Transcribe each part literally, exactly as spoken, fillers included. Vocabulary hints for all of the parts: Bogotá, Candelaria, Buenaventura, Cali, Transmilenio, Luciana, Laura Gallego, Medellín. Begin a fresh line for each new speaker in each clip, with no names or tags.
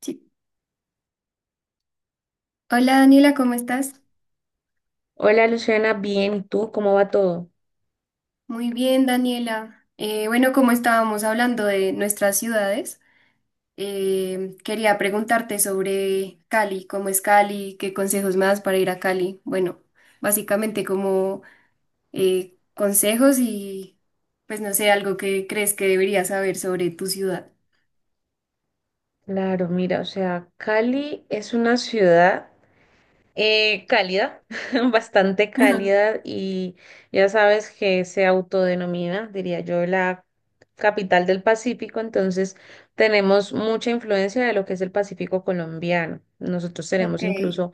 Sí. Hola Daniela, ¿cómo estás?
Hola Luciana, bien, ¿y tú cómo va todo?
Muy bien, Daniela. Eh, bueno, como estábamos hablando de nuestras ciudades, eh, quería preguntarte sobre Cali, cómo es Cali, qué consejos me das para ir a Cali. Bueno, básicamente como eh, consejos y pues no sé, algo que crees que deberías saber sobre tu ciudad.
Claro, mira, o sea, Cali es una ciudad eh, cálida, bastante
Ajá,
cálida y ya sabes que se autodenomina, diría yo, la capital del Pacífico. Entonces tenemos mucha influencia de lo que es el Pacífico colombiano. Nosotros
ok,
tenemos incluso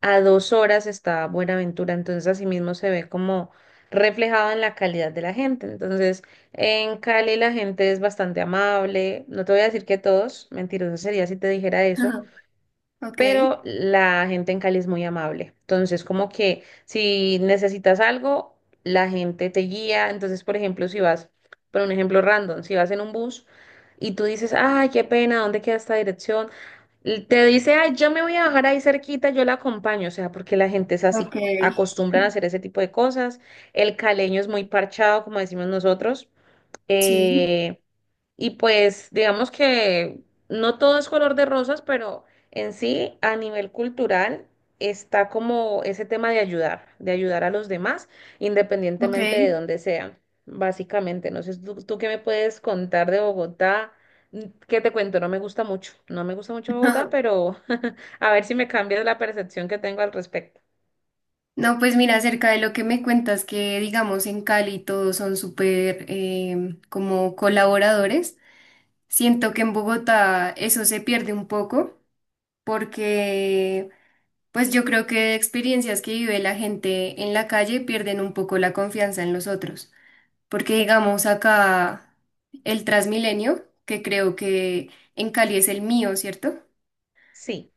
a dos horas está Buenaventura, entonces asimismo se ve como reflejado en la calidad de la gente. Entonces, en Cali la gente es bastante amable, no te voy a decir que todos, mentiroso sería si te dijera eso,
ajá, ok,
pero la gente en Cali es muy amable. Entonces, como que si necesitas algo, la gente te guía. Entonces, por ejemplo, si vas, por un ejemplo random, si vas en un bus y tú dices, ay, qué pena, ¿dónde queda esta dirección? Te dice, ay, yo me voy a bajar ahí cerquita, yo la acompaño, o sea, porque la gente es así,
ok,
acostumbran a hacer ese tipo de cosas. El caleño es muy parchado, como decimos nosotros.
sí,
Eh, y pues digamos que no todo es color de rosas, pero en sí, a nivel cultural, está como ese tema de ayudar, de ayudar a los demás,
ok.
independientemente de dónde sean, básicamente. No sé, ¿tú, tú qué me puedes contar de Bogotá? Mm, ¿qué te cuento? No me gusta mucho, no me gusta mucho Bogotá, pero a ver si me cambias la percepción que tengo al respecto.
No, pues mira, acerca de lo que me cuentas, que digamos en Cali todos son súper em, como colaboradores, siento que en Bogotá eso se pierde un poco porque pues yo creo que experiencias que vive la gente en la calle pierden un poco la confianza en los otros, porque digamos acá el Transmilenio, que creo que en Cali es el mío, ¿cierto?
Sí,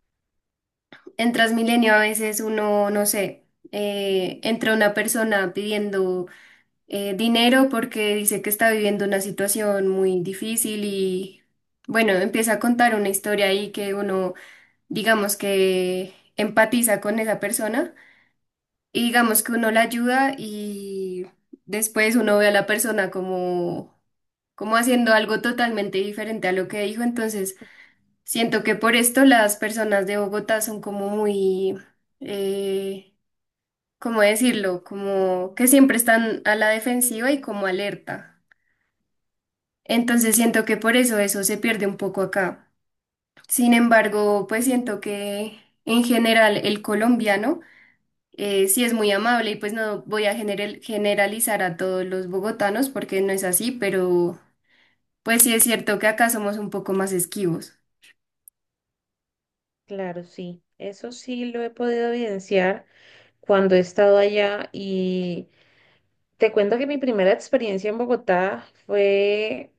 En Transmilenio a veces uno, no sé, eh, entra una persona pidiendo eh, dinero porque dice que está viviendo una situación muy difícil y bueno, empieza a contar una historia ahí que uno, digamos que empatiza con esa persona y digamos que uno la ayuda y después uno ve a la persona como, como haciendo algo totalmente diferente a lo que dijo, entonces siento que por esto las personas de Bogotá son como muy... eh, ¿cómo decirlo? Como que siempre están a la defensiva y como alerta. Entonces siento que por eso eso se pierde un poco acá. Sin embargo, pues siento que en general el colombiano eh, sí es muy amable y pues no voy a general- generalizar a todos los bogotanos porque no es así, pero pues sí es cierto que acá somos un poco más esquivos.
claro, sí. Eso sí lo he podido evidenciar cuando he estado allá y... Te cuento que mi primera experiencia en Bogotá fue,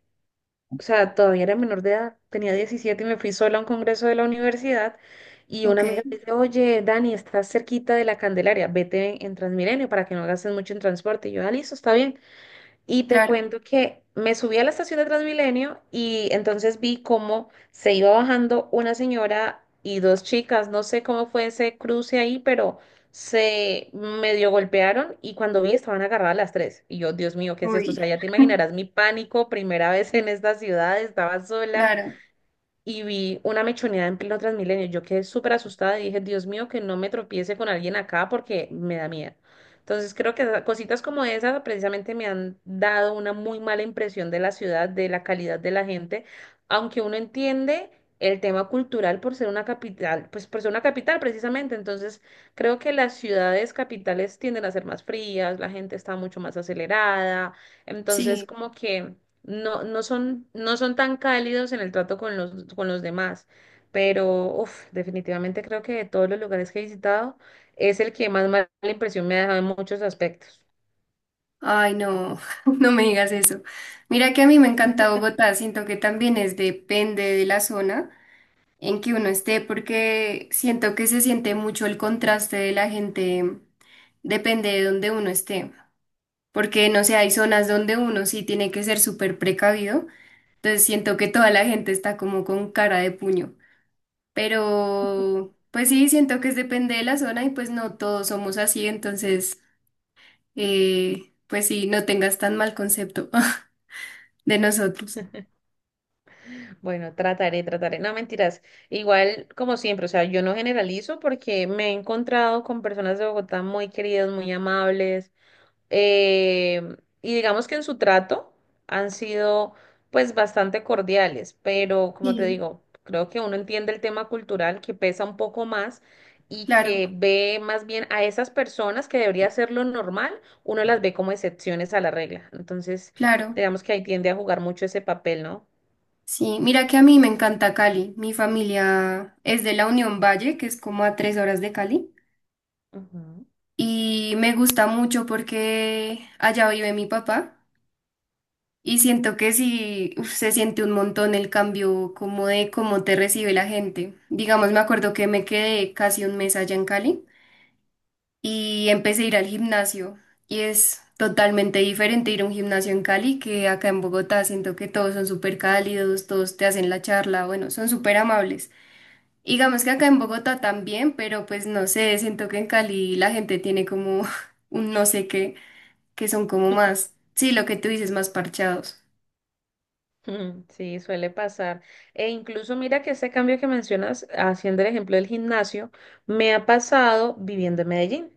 o sea, todavía era menor de edad, tenía diecisiete y me fui sola a un congreso de la universidad y una
Ok,
amiga me dice, oye, Dani, estás cerquita de la Candelaria, vete en Transmilenio para que no gastes mucho en transporte. Y yo, ah, listo, está bien. Y te
claro.
cuento que me subí a la estación de Transmilenio y entonces vi cómo se iba bajando una señora y dos chicas. No sé cómo fue ese cruce ahí, pero se medio golpearon y cuando vi estaban agarradas las tres. Y yo, Dios mío, ¿qué es esto? O
Uy,
sea, ya te imaginarás mi pánico, primera vez en esta ciudad, estaba sola
claro,
y vi una mechonera en pleno Transmilenio. Yo quedé súper asustada y dije, Dios mío, que no me tropiece con alguien acá porque me da miedo. Entonces creo que esa- cositas como esas precisamente me han dado una muy mala impresión de la ciudad, de la calidad de la gente, aunque uno entiende el tema cultural por ser una capital, pues por ser una capital precisamente. Entonces creo que las ciudades capitales tienden a ser más frías, la gente está mucho más acelerada. Entonces
sí.
como que no, no son, no son tan cálidos en el trato con los, con los demás, pero uf, definitivamente creo que de todos los lugares que he visitado es el que más mala impresión me ha dejado en muchos aspectos.
Ay, no, no me digas eso. Mira que a mí me encanta Bogotá, siento que también es depende de la zona en que uno esté, porque siento que se siente mucho el contraste de la gente, depende de donde uno esté, porque no sé, hay zonas donde uno sí tiene que ser súper precavido, entonces siento que toda la gente está como con cara de puño, pero pues sí, siento que es depende de la zona y pues no todos somos así, entonces eh, pues sí, no tengas tan mal concepto de nosotros.
Bueno, trataré, trataré. No, mentiras. Igual, como siempre, o sea, yo no generalizo porque me he encontrado con personas de Bogotá muy queridas, muy amables. Eh, y digamos que en su trato han sido pues bastante cordiales, pero como te
Sí.
digo, creo que uno entiende el tema cultural que pesa un poco más y
Claro,
que ve más bien a esas personas que debería ser lo normal, uno las ve como excepciones a la regla. Entonces,
claro.
digamos que ahí tiende a jugar mucho ese papel, ¿no?
Sí, mira que a mí me encanta Cali. Mi familia es de la Unión Valle, que es como a tres horas de Cali.
Ujú.
Y me gusta mucho porque allá vive mi papá. Y siento que sí, uf, se siente un montón el cambio como de cómo te recibe la gente. Digamos, me acuerdo que me quedé casi un mes allá en Cali y empecé a ir al gimnasio. Y es totalmente diferente ir a un gimnasio en Cali que acá en Bogotá. Siento que todos son súper cálidos, todos te hacen la charla, bueno, son súper amables. Y digamos que acá en Bogotá también, pero pues no sé, siento que en Cali la gente tiene como un no sé qué, que son como más, sí, lo que tú dices, más parchados.
Mm, sí, suele pasar. E incluso mira que ese cambio que mencionas, haciendo el ejemplo del gimnasio, me ha pasado viviendo en Medellín.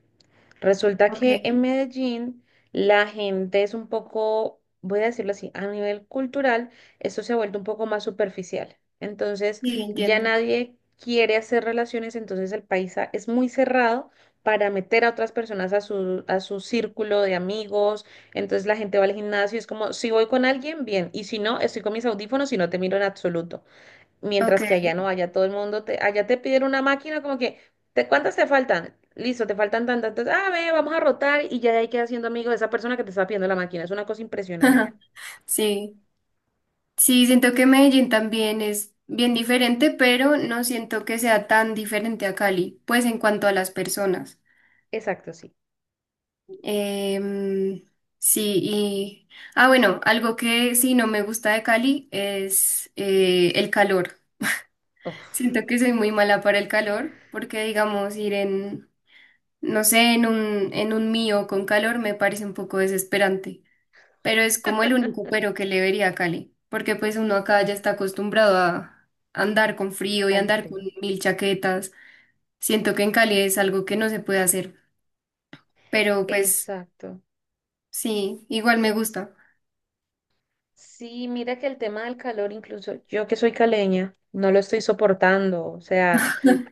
Resulta
Ok,
que en Medellín la gente es un poco, voy a decirlo así, a nivel cultural, esto se ha vuelto un poco más superficial. Entonces,
sí,
ya
entiendo.
nadie quiere hacer relaciones, entonces el paisa es muy cerrado para meter a otras personas a su, a su círculo de amigos. Entonces la gente va al gimnasio, es como, si voy con alguien, bien, y si no, estoy con mis audífonos y no te miro en absoluto.
Ok,
Mientras que allá no, allá todo el mundo te, allá te piden una máquina como que, ¿te, cuántas te faltan? Listo, te faltan tantas. Entonces, ah, ve, vamos a rotar y ya de ahí quedas siendo amigo de esa persona que te está pidiendo la máquina. Es una cosa impresionante.
sí. Sí, siento que Medellín también es bien diferente, pero no siento que sea tan diferente a Cali, pues en cuanto a las personas.
Exacto, sí.
Em, sí, y... Ah, bueno, algo que sí no me gusta de Cali es eh, el calor.
Uf,
Siento que soy muy mala para el calor, porque digamos ir en, no sé, en un, en un mío con calor me parece un poco desesperante, pero es como el único pero que le vería a Cali, porque pues uno acá ya está acostumbrado a andar con frío y andar con
Alfredo.
mil chaquetas. Siento que en Cali es algo que no se puede hacer, pero pues
Exacto.
sí, igual me gusta.
Sí, mira que el tema del calor, incluso yo que soy caleña, no lo estoy soportando. O sea,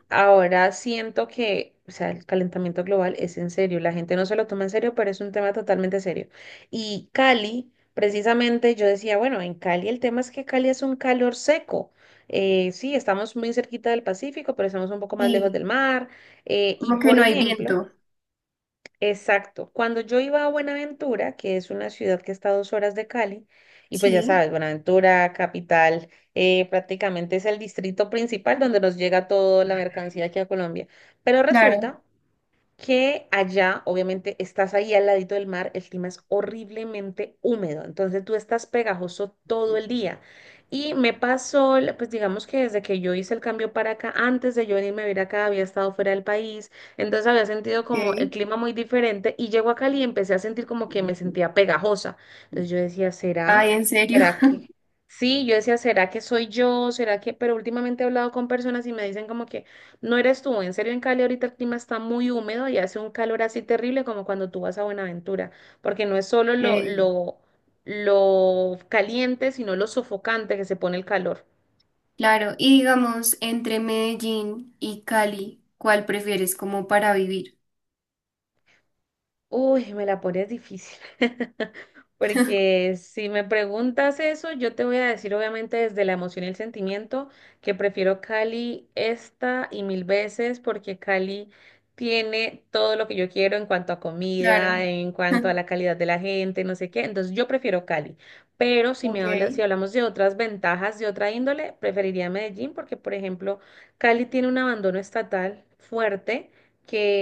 ahora siento que, o sea, el calentamiento global es en serio, la gente no se lo toma en serio, pero es un tema totalmente serio. Y Cali, precisamente yo decía, bueno, en Cali el tema es que Cali es un calor seco. Eh, sí, estamos muy cerquita del Pacífico, pero estamos un poco más lejos
Sí,
del mar. Eh, y
como que
por
no hay
ejemplo,
viento.
exacto. Cuando yo iba a Buenaventura, que es una ciudad que está a dos horas de Cali, y pues ya
Sí,
sabes, Buenaventura, capital, eh, prácticamente es el distrito principal donde nos llega toda la mercancía aquí a Colombia. Pero
claro,
resulta que allá, obviamente, estás ahí al ladito del mar, el clima es horriblemente húmedo, entonces tú estás pegajoso todo el día. Y me pasó, la- pues digamos que desde que yo hice el cambio para acá, antes de yo venirme a vivir acá, había estado fuera del país, entonces había sentido
ok.
como el clima muy diferente y llego a Cali y empecé a sentir como que me sentía pegajosa. Entonces yo decía, ¿será?
Ay, ¿en serio?
¿Será que? Sí, yo decía, ¿será que soy yo? ¿Será que? Pero últimamente he hablado con personas y me dicen como que... No eres tú, en serio en Cali ahorita el clima está muy húmedo y hace un calor así terrible como cuando tú vas a Buenaventura, porque no es solo lo,
Ok.
lo, lo caliente, sino lo sofocante que se pone el calor.
Claro, y digamos, entre Medellín y Cali, ¿cuál prefieres como para vivir?
Uy, me la pones difícil. Porque si me preguntas eso, yo te voy a decir obviamente desde la emoción y el sentimiento que prefiero Cali esta y mil veces porque Cali tiene todo lo que yo quiero en cuanto a
Claro.
comida, en cuanto a la calidad de la gente, no sé qué. Entonces yo prefiero Cali. Pero si
Ok,
me hablas, si hablamos de otras ventajas de otra índole, preferiría Medellín porque, por ejemplo, Cali tiene un abandono estatal fuerte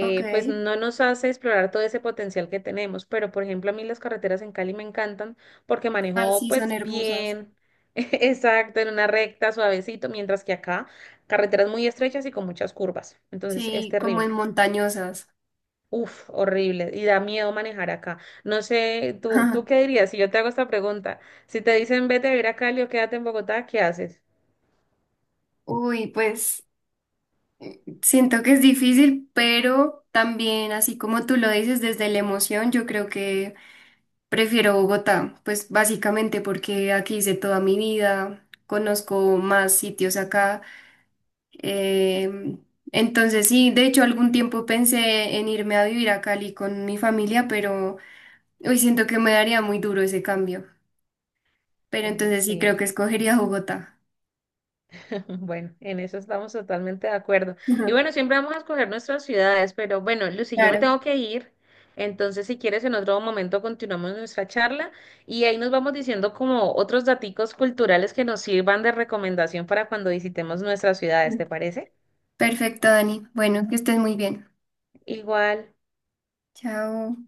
ok.
pues no nos hace explorar todo ese potencial que tenemos. Pero, por ejemplo, a mí las carreteras en Cali me encantan porque
Ay,
manejo
sí, son
pues
hermosas.
bien, exacto, en una recta, suavecito, mientras que acá carreteras muy estrechas y con muchas curvas. Entonces es
Sí, como en
terrible.
montañosas.
Uf, horrible. Y da miedo manejar acá. No sé, ¿tú, tú qué dirías si yo te hago esta pregunta? Si te dicen vete a vivir a Cali o quédate en Bogotá, ¿qué haces?
Uy, pues siento que es difícil, pero también, así como tú lo dices, desde la emoción, yo creo que prefiero Bogotá, pues básicamente porque aquí hice toda mi vida, conozco más sitios acá. Em, entonces sí, de hecho algún tiempo pensé en irme a vivir a Cali con mi familia, pero hoy siento que me daría muy duro ese cambio. Pero
Eh,
entonces sí creo que
sí.
escogería Bogotá.
Bueno, en eso estamos totalmente de acuerdo. Y bueno, siempre vamos a escoger nuestras ciudades, pero bueno, Lucy, yo me
Claro.
tengo que ir. Entonces, si quieres, en otro momento continuamos nuestra charla y ahí nos vamos diciendo como otros daticos culturales que nos sirvan de recomendación para cuando visitemos nuestras ciudades, ¿te parece?
Perfecto, Dani. Bueno, que estés muy bien.
Igual.
Chao.